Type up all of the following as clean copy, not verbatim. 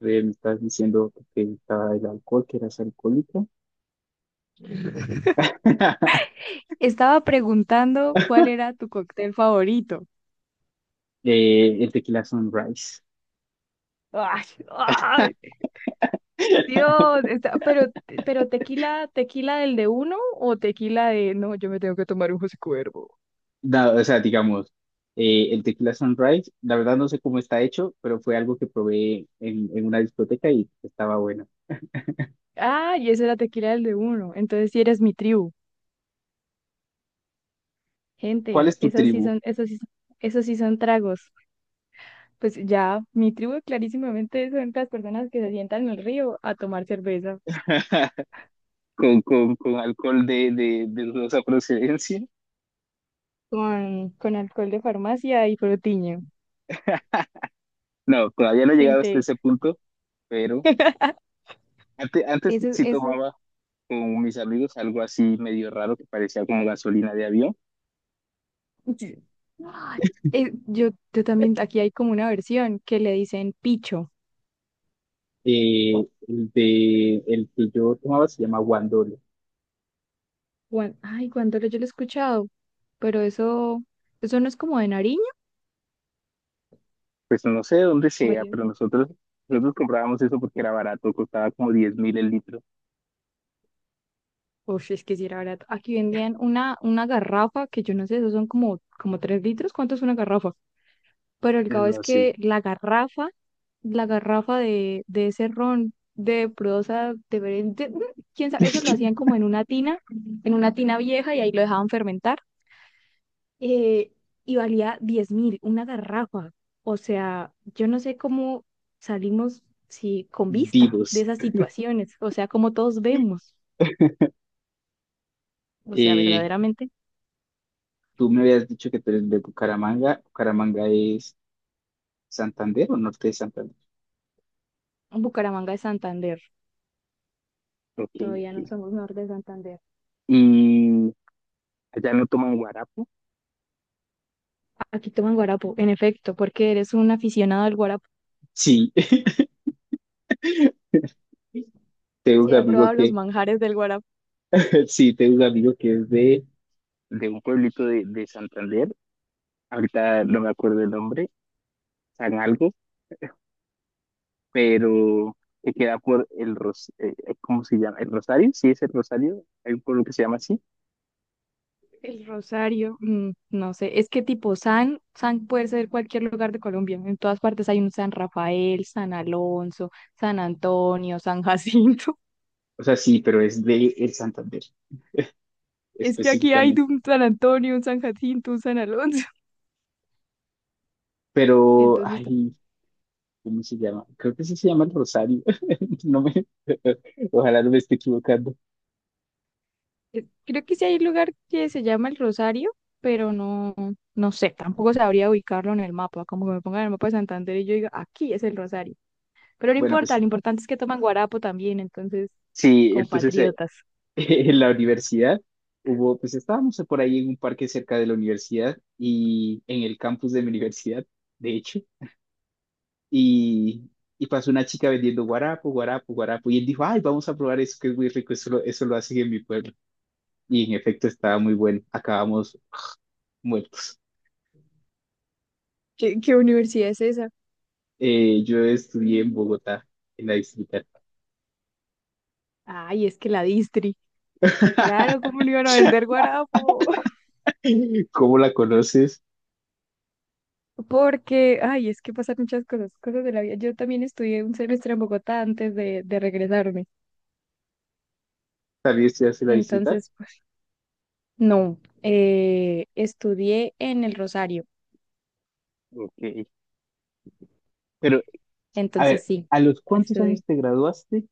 Me estás diciendo que te gustaba el alcohol, que eras alcohólico. Estaba preguntando cuál era tu cóctel favorito. El tequila sunrise. Ay, ay, Dios, pero tequila, tequila del de uno o tequila de no, yo me tengo que tomar un José Cuervo. O sea, digamos, el tequila sunrise, la verdad no sé cómo está hecho, pero fue algo que probé en una discoteca y estaba bueno. Ah, y ese era tequila del de uno. Entonces sí eres mi tribu. ¿Cuál Gente, es tu esas sí tribu? son, esos sí son, esos sí son tragos. Pues ya, mi tribu clarísimamente son las personas que se sientan en el río a tomar cerveza ¿Con alcohol de dudosa procedencia? con, alcohol de farmacia y frutiño. No, todavía no he llegado hasta Gente, ese punto, pero antes eso, sí eso. tomaba con mis amigos algo así medio raro que parecía como gasolina de avión. Sí. Ay, yo también, aquí hay como una versión que le dicen picho. Eh, el de el que yo tomaba se llama Guandolo. Ay, Guandolo yo lo he escuchado, pero eso no es como de Nariño. Pues no sé de dónde sea, Oye, pero nosotros, eh, nosotros comprábamos eso porque era barato, costaba como 10 mil el litro. uf, es que si era verdad. Aquí vendían una, garrafa que yo no sé, esos son como, como 3 litros. ¿Cuánto es una garrafa? Pero el caso es No sé. que la garrafa, de ese ron de prosa de- quién sabe, eso lo hacían como en una tina vieja y ahí lo dejaban fermentar, eh, y valía 10.000, una garrafa. O sea, yo no sé cómo salimos si con vista de Divos. esas situaciones, o sea, como todos vemos, o sea, Eh, verdaderamente, Tú me habías dicho que tú eres de Bucaramanga. ¿Bucaramanga es Santander o norte de Santander? Bucaramanga es Santander, Ok, todavía no ok. somos norte de Santander. ¿Y allá no toman guarapo? Aquí toman guarapo, en efecto, porque eres un aficionado al guarapo. Sí, tengo Si un he amigo probado los que, manjares del guarapo. sí, tengo un amigo que es de un pueblito de Santander. Ahorita no me acuerdo el nombre. San algo, pero que queda por el Ros ¿cómo se llama? ¿El Rosario? Sí, es el Rosario, hay un pueblo que se llama así. El Rosario, mm, no sé, es que tipo San, San puede ser cualquier lugar de Colombia, en todas partes hay un San Rafael, San Alonso, San Antonio, San Jacinto. O sea, sí, pero es de el Santander, Es que aquí hay de específicamente. un San Antonio, un San Jacinto, un San Alonso. Pero, Entonces, ay, ¿cómo se llama? Creo que sí se llama el Rosario. No me, ojalá no me esté equivocando. Creo que sí hay un lugar que se llama El Rosario, pero no, no sé, tampoco sabría ubicarlo en el mapa, como que me pongan en el mapa de Santander y yo diga, aquí es el Rosario. Pero no Bueno, importa, pues lo importante es que toman guarapo también, entonces, sí, entonces, compatriotas. en la universidad hubo, pues estábamos por ahí en un parque cerca de la universidad y en el campus de mi universidad, de hecho. Y, y pasó una chica vendiendo guarapo, guarapo, guarapo, y él dijo, ay, vamos a probar eso que es muy rico, eso lo hacen en mi pueblo. Y en efecto estaba muy bueno, acabamos muertos. ¿Qué universidad es esa? Yo estudié en Bogotá, en la distrital. Ay, es que la distri. Claro, ¿cómo no iban a vender guarapo? ¿Cómo la conoces? Porque, ay, es que pasan muchas cosas, cosas de la vida. Yo también estudié un semestre en Bogotá antes de regresarme. También estudiaste en la distrital. Entonces, pues, no, estudié en el Rosario. Ok. Pero, a Entonces, ver, sí, ¿a los cuántos años estudié. te graduaste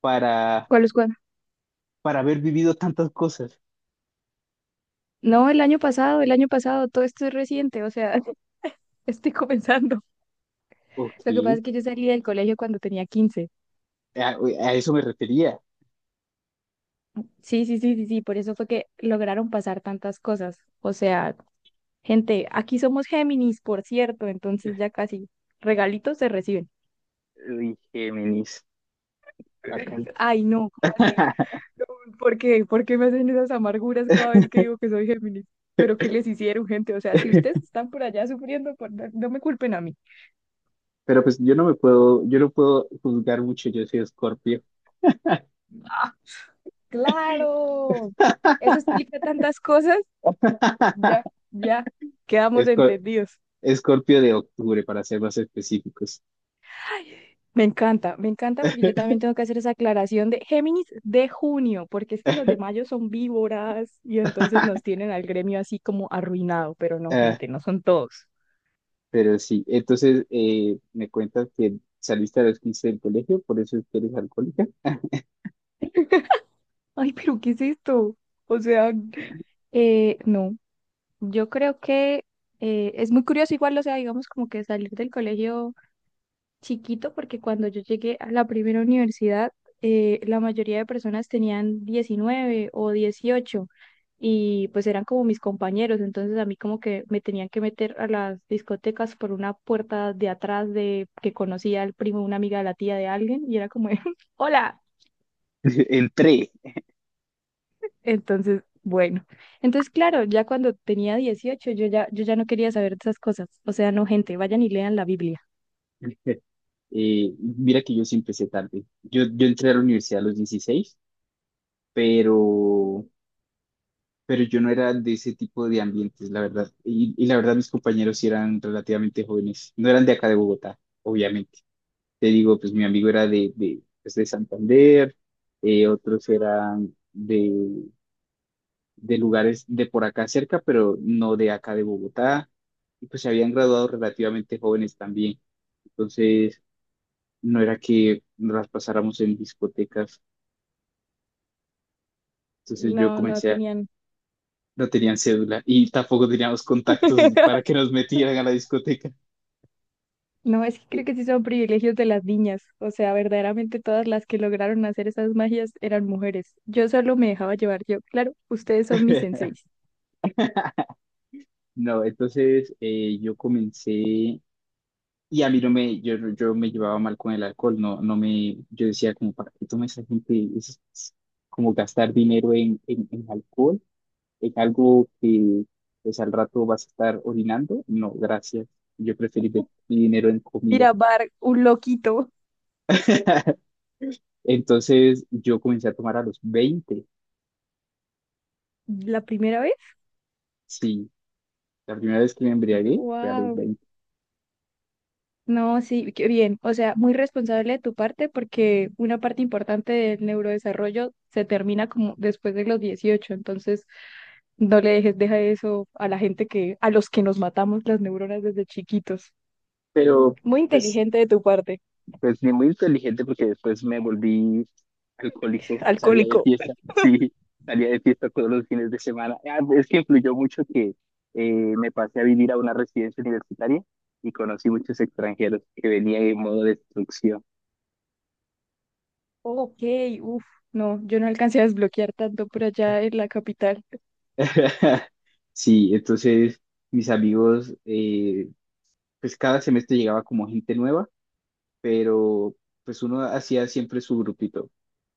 para, ¿Cuál es cuál? para haber vivido tantas cosas? No, el año pasado, todo esto es reciente, o sea, estoy comenzando. Ok, Lo que pasa es que yo salí del colegio cuando tenía 15. A eso me refería. Sí, sí, sí, sí, sí, por eso fue que lograron pasar tantas cosas. O sea, gente, aquí somos Géminis, por cierto, entonces ya casi regalitos se reciben. Uy, Géminis, acá. Ay, no, ¿cómo así? No, ¿por qué? ¿Por qué me hacen esas amarguras cada vez que digo que soy Géminis? ¿Pero qué les hicieron, gente? O sea, si ustedes están por allá sufriendo, no me culpen a mí. Pero pues yo no puedo juzgar mucho, yo soy Escorpio. Ah, claro. Eso explica tantas cosas. Ya, ya, quedamos Escor- entendidos. Escorpio de octubre, para ser más específicos. Me encanta porque yo también tengo que hacer esa aclaración de Géminis de junio, porque es que los de mayo son víboras y entonces nos tienen al gremio así como arruinado, pero no, Ah, gente, no son todos. pero sí, entonces, me cuentas que saliste a los 15 del colegio, por eso es que eres alcohólica. Ay, pero ¿qué es esto? O sea, no, yo creo que es muy curioso igual, o sea, digamos como que salir del colegio. Chiquito porque cuando yo llegué a la primera universidad, la mayoría de personas tenían 19 o 18 y pues eran como mis compañeros, entonces a mí como que me tenían que meter a las discotecas por una puerta de atrás de que conocía al primo, una amiga de la tía de alguien y era como, de, hola. Entré. Entonces, bueno, entonces claro, ya cuando tenía 18 yo ya, yo ya no quería saber de esas cosas, o sea, no gente, vayan y lean la Biblia. Mira que yo sí empecé tarde. Yo entré a la universidad a los dieciséis, pero yo no era de ese tipo de ambientes, la verdad. Y la verdad mis compañeros sí eran relativamente jóvenes, no eran de acá de Bogotá, obviamente. Te digo, pues mi amigo era de Santander, otros eran de lugares de por acá cerca, pero no de acá de Bogotá. Y pues se habían graduado relativamente jóvenes también. Entonces, no era que nos las pasáramos en discotecas. Entonces yo No, no comencé a... tenían. No tenían cédula y tampoco teníamos contactos para que nos metieran a la discoteca. No, es que creo que sí son privilegios de las niñas. O sea, verdaderamente todas las que lograron hacer esas magias eran mujeres. Yo solo me dejaba llevar yo. Claro, ustedes son mis senseis. No, entonces, yo comencé y a mí no me, yo me llevaba mal con el alcohol, no, no me, yo decía como, ¿para qué toma esa gente? Es como gastar dinero en alcohol, en algo que pues al rato vas a estar orinando. No, gracias. Yo preferí ver mi dinero en comida. Mira, Bar, un loquito. Entonces yo comencé a tomar a los veinte, ¿La primera vez? sí, la primera vez que me embriagué fue a los Wow. veinte, No, sí, qué bien. O sea, muy responsable de tu parte porque una parte importante del neurodesarrollo se termina como después de los 18. Entonces, no le dejes, deja eso a la gente que, a los que nos matamos las neuronas desde chiquitos. pero Muy pues inteligente de tu parte. pues ni muy inteligente porque después me volví alcohólico, salía de Alcohólico. fiesta, sí, salía de fiesta todos los fines de semana. Ah, es que influyó mucho que me pasé a vivir a una residencia universitaria y conocí muchos extranjeros que venían en modo destrucción. Ok, uff, no, yo no alcancé a desbloquear tanto por allá en la capital. Sí, entonces mis amigos, pues cada semestre llegaba como gente nueva, pero pues uno hacía siempre su grupito.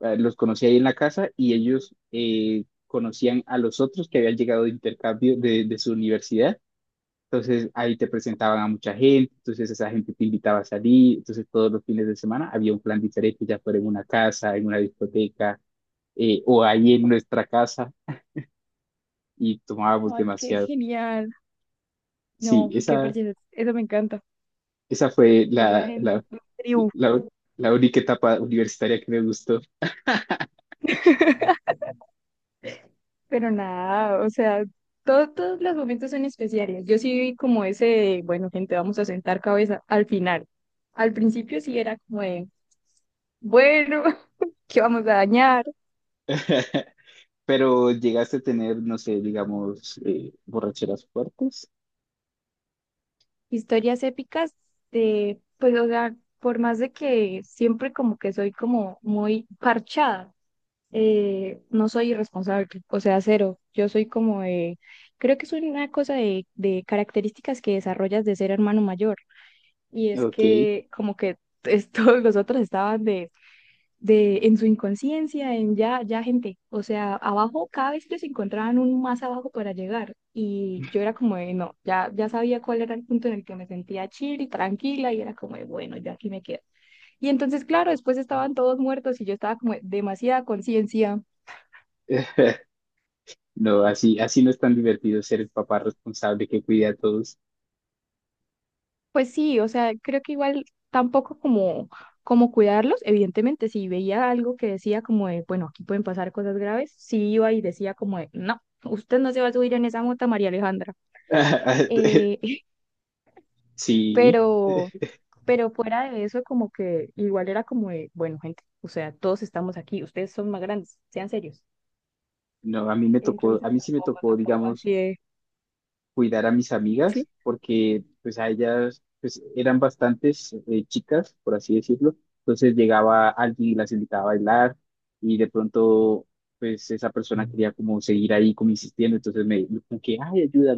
Los conocía ahí en la casa y ellos conocían a los otros que habían llegado de intercambio de su universidad. Entonces ahí te presentaban a mucha gente, entonces esa gente te invitaba a salir, entonces todos los fines de semana había un plan diferente, ya fuera en una casa, en una discoteca, o ahí en nuestra casa y tomábamos Ay, qué demasiado. genial. Sí, No, qué esa, parche, eso me encanta. esa fue O sea, gente, tribu. la, la única etapa universitaria que me gustó. Pero nada, o sea, todos los momentos son especiales. Yo sí vi como ese, de, bueno, gente, vamos a sentar cabeza al final. Al principio sí era como de, bueno, ¿qué vamos a dañar? Pero llegaste a tener, no sé, digamos, borracheras fuertes. Historias épicas de, pues, o sea, por más de que siempre como que soy como muy parchada. No soy irresponsable, o sea, cero. Yo soy como de, creo que es una cosa de, características que desarrollas de ser hermano mayor. Y es Ok. que como que todos los otros estaban de, en su inconsciencia, en ya, ya gente. O sea, abajo, cada vez que se encontraban un más abajo para llegar. Y yo era como de, no, ya, ya sabía cuál era el punto en el que me sentía chill y tranquila y era como de, bueno, ya aquí me quedo. Y entonces, claro, después estaban todos muertos y yo estaba como de demasiada conciencia. No, así no es tan divertido ser el papá responsable que cuida a todos. Pues sí, o sea, creo que igual tampoco como, como cuidarlos, evidentemente, si veía algo que decía como de, bueno, aquí pueden pasar cosas graves, sí iba y decía como de, no, usted no se va a subir en esa moto, María Alejandra. Eh, Sí. pero, pero, fuera de eso, como que igual era como de, bueno, gente, o sea, todos estamos aquí, ustedes son más grandes, sean serios. No, Entonces a mí sí me tampoco, tocó, tampoco digamos, así de, cuidar a mis sí. amigas, porque pues a ellas pues eran bastantes, chicas, por así decirlo. Entonces llegaba alguien y las invitaba a bailar y de pronto pues esa persona Mm. quería como seguir ahí como insistiendo, entonces me como que, ay, ayuda,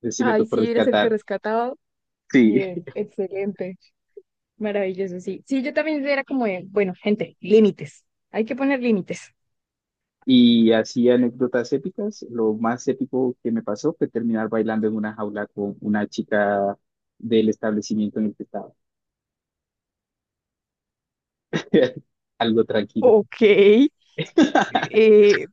que sí me Ay, tocó sí, eras el que rescatar. rescataba. Sí. Bien, excelente. Maravilloso, sí. Sí, yo también era como, de, bueno, gente, límites. Hay que poner límites. Y así anécdotas épicas. Lo más épico que me pasó fue terminar bailando en una jaula con una chica del establecimiento en el que estaba. Algo tranquilo. Ok, eh,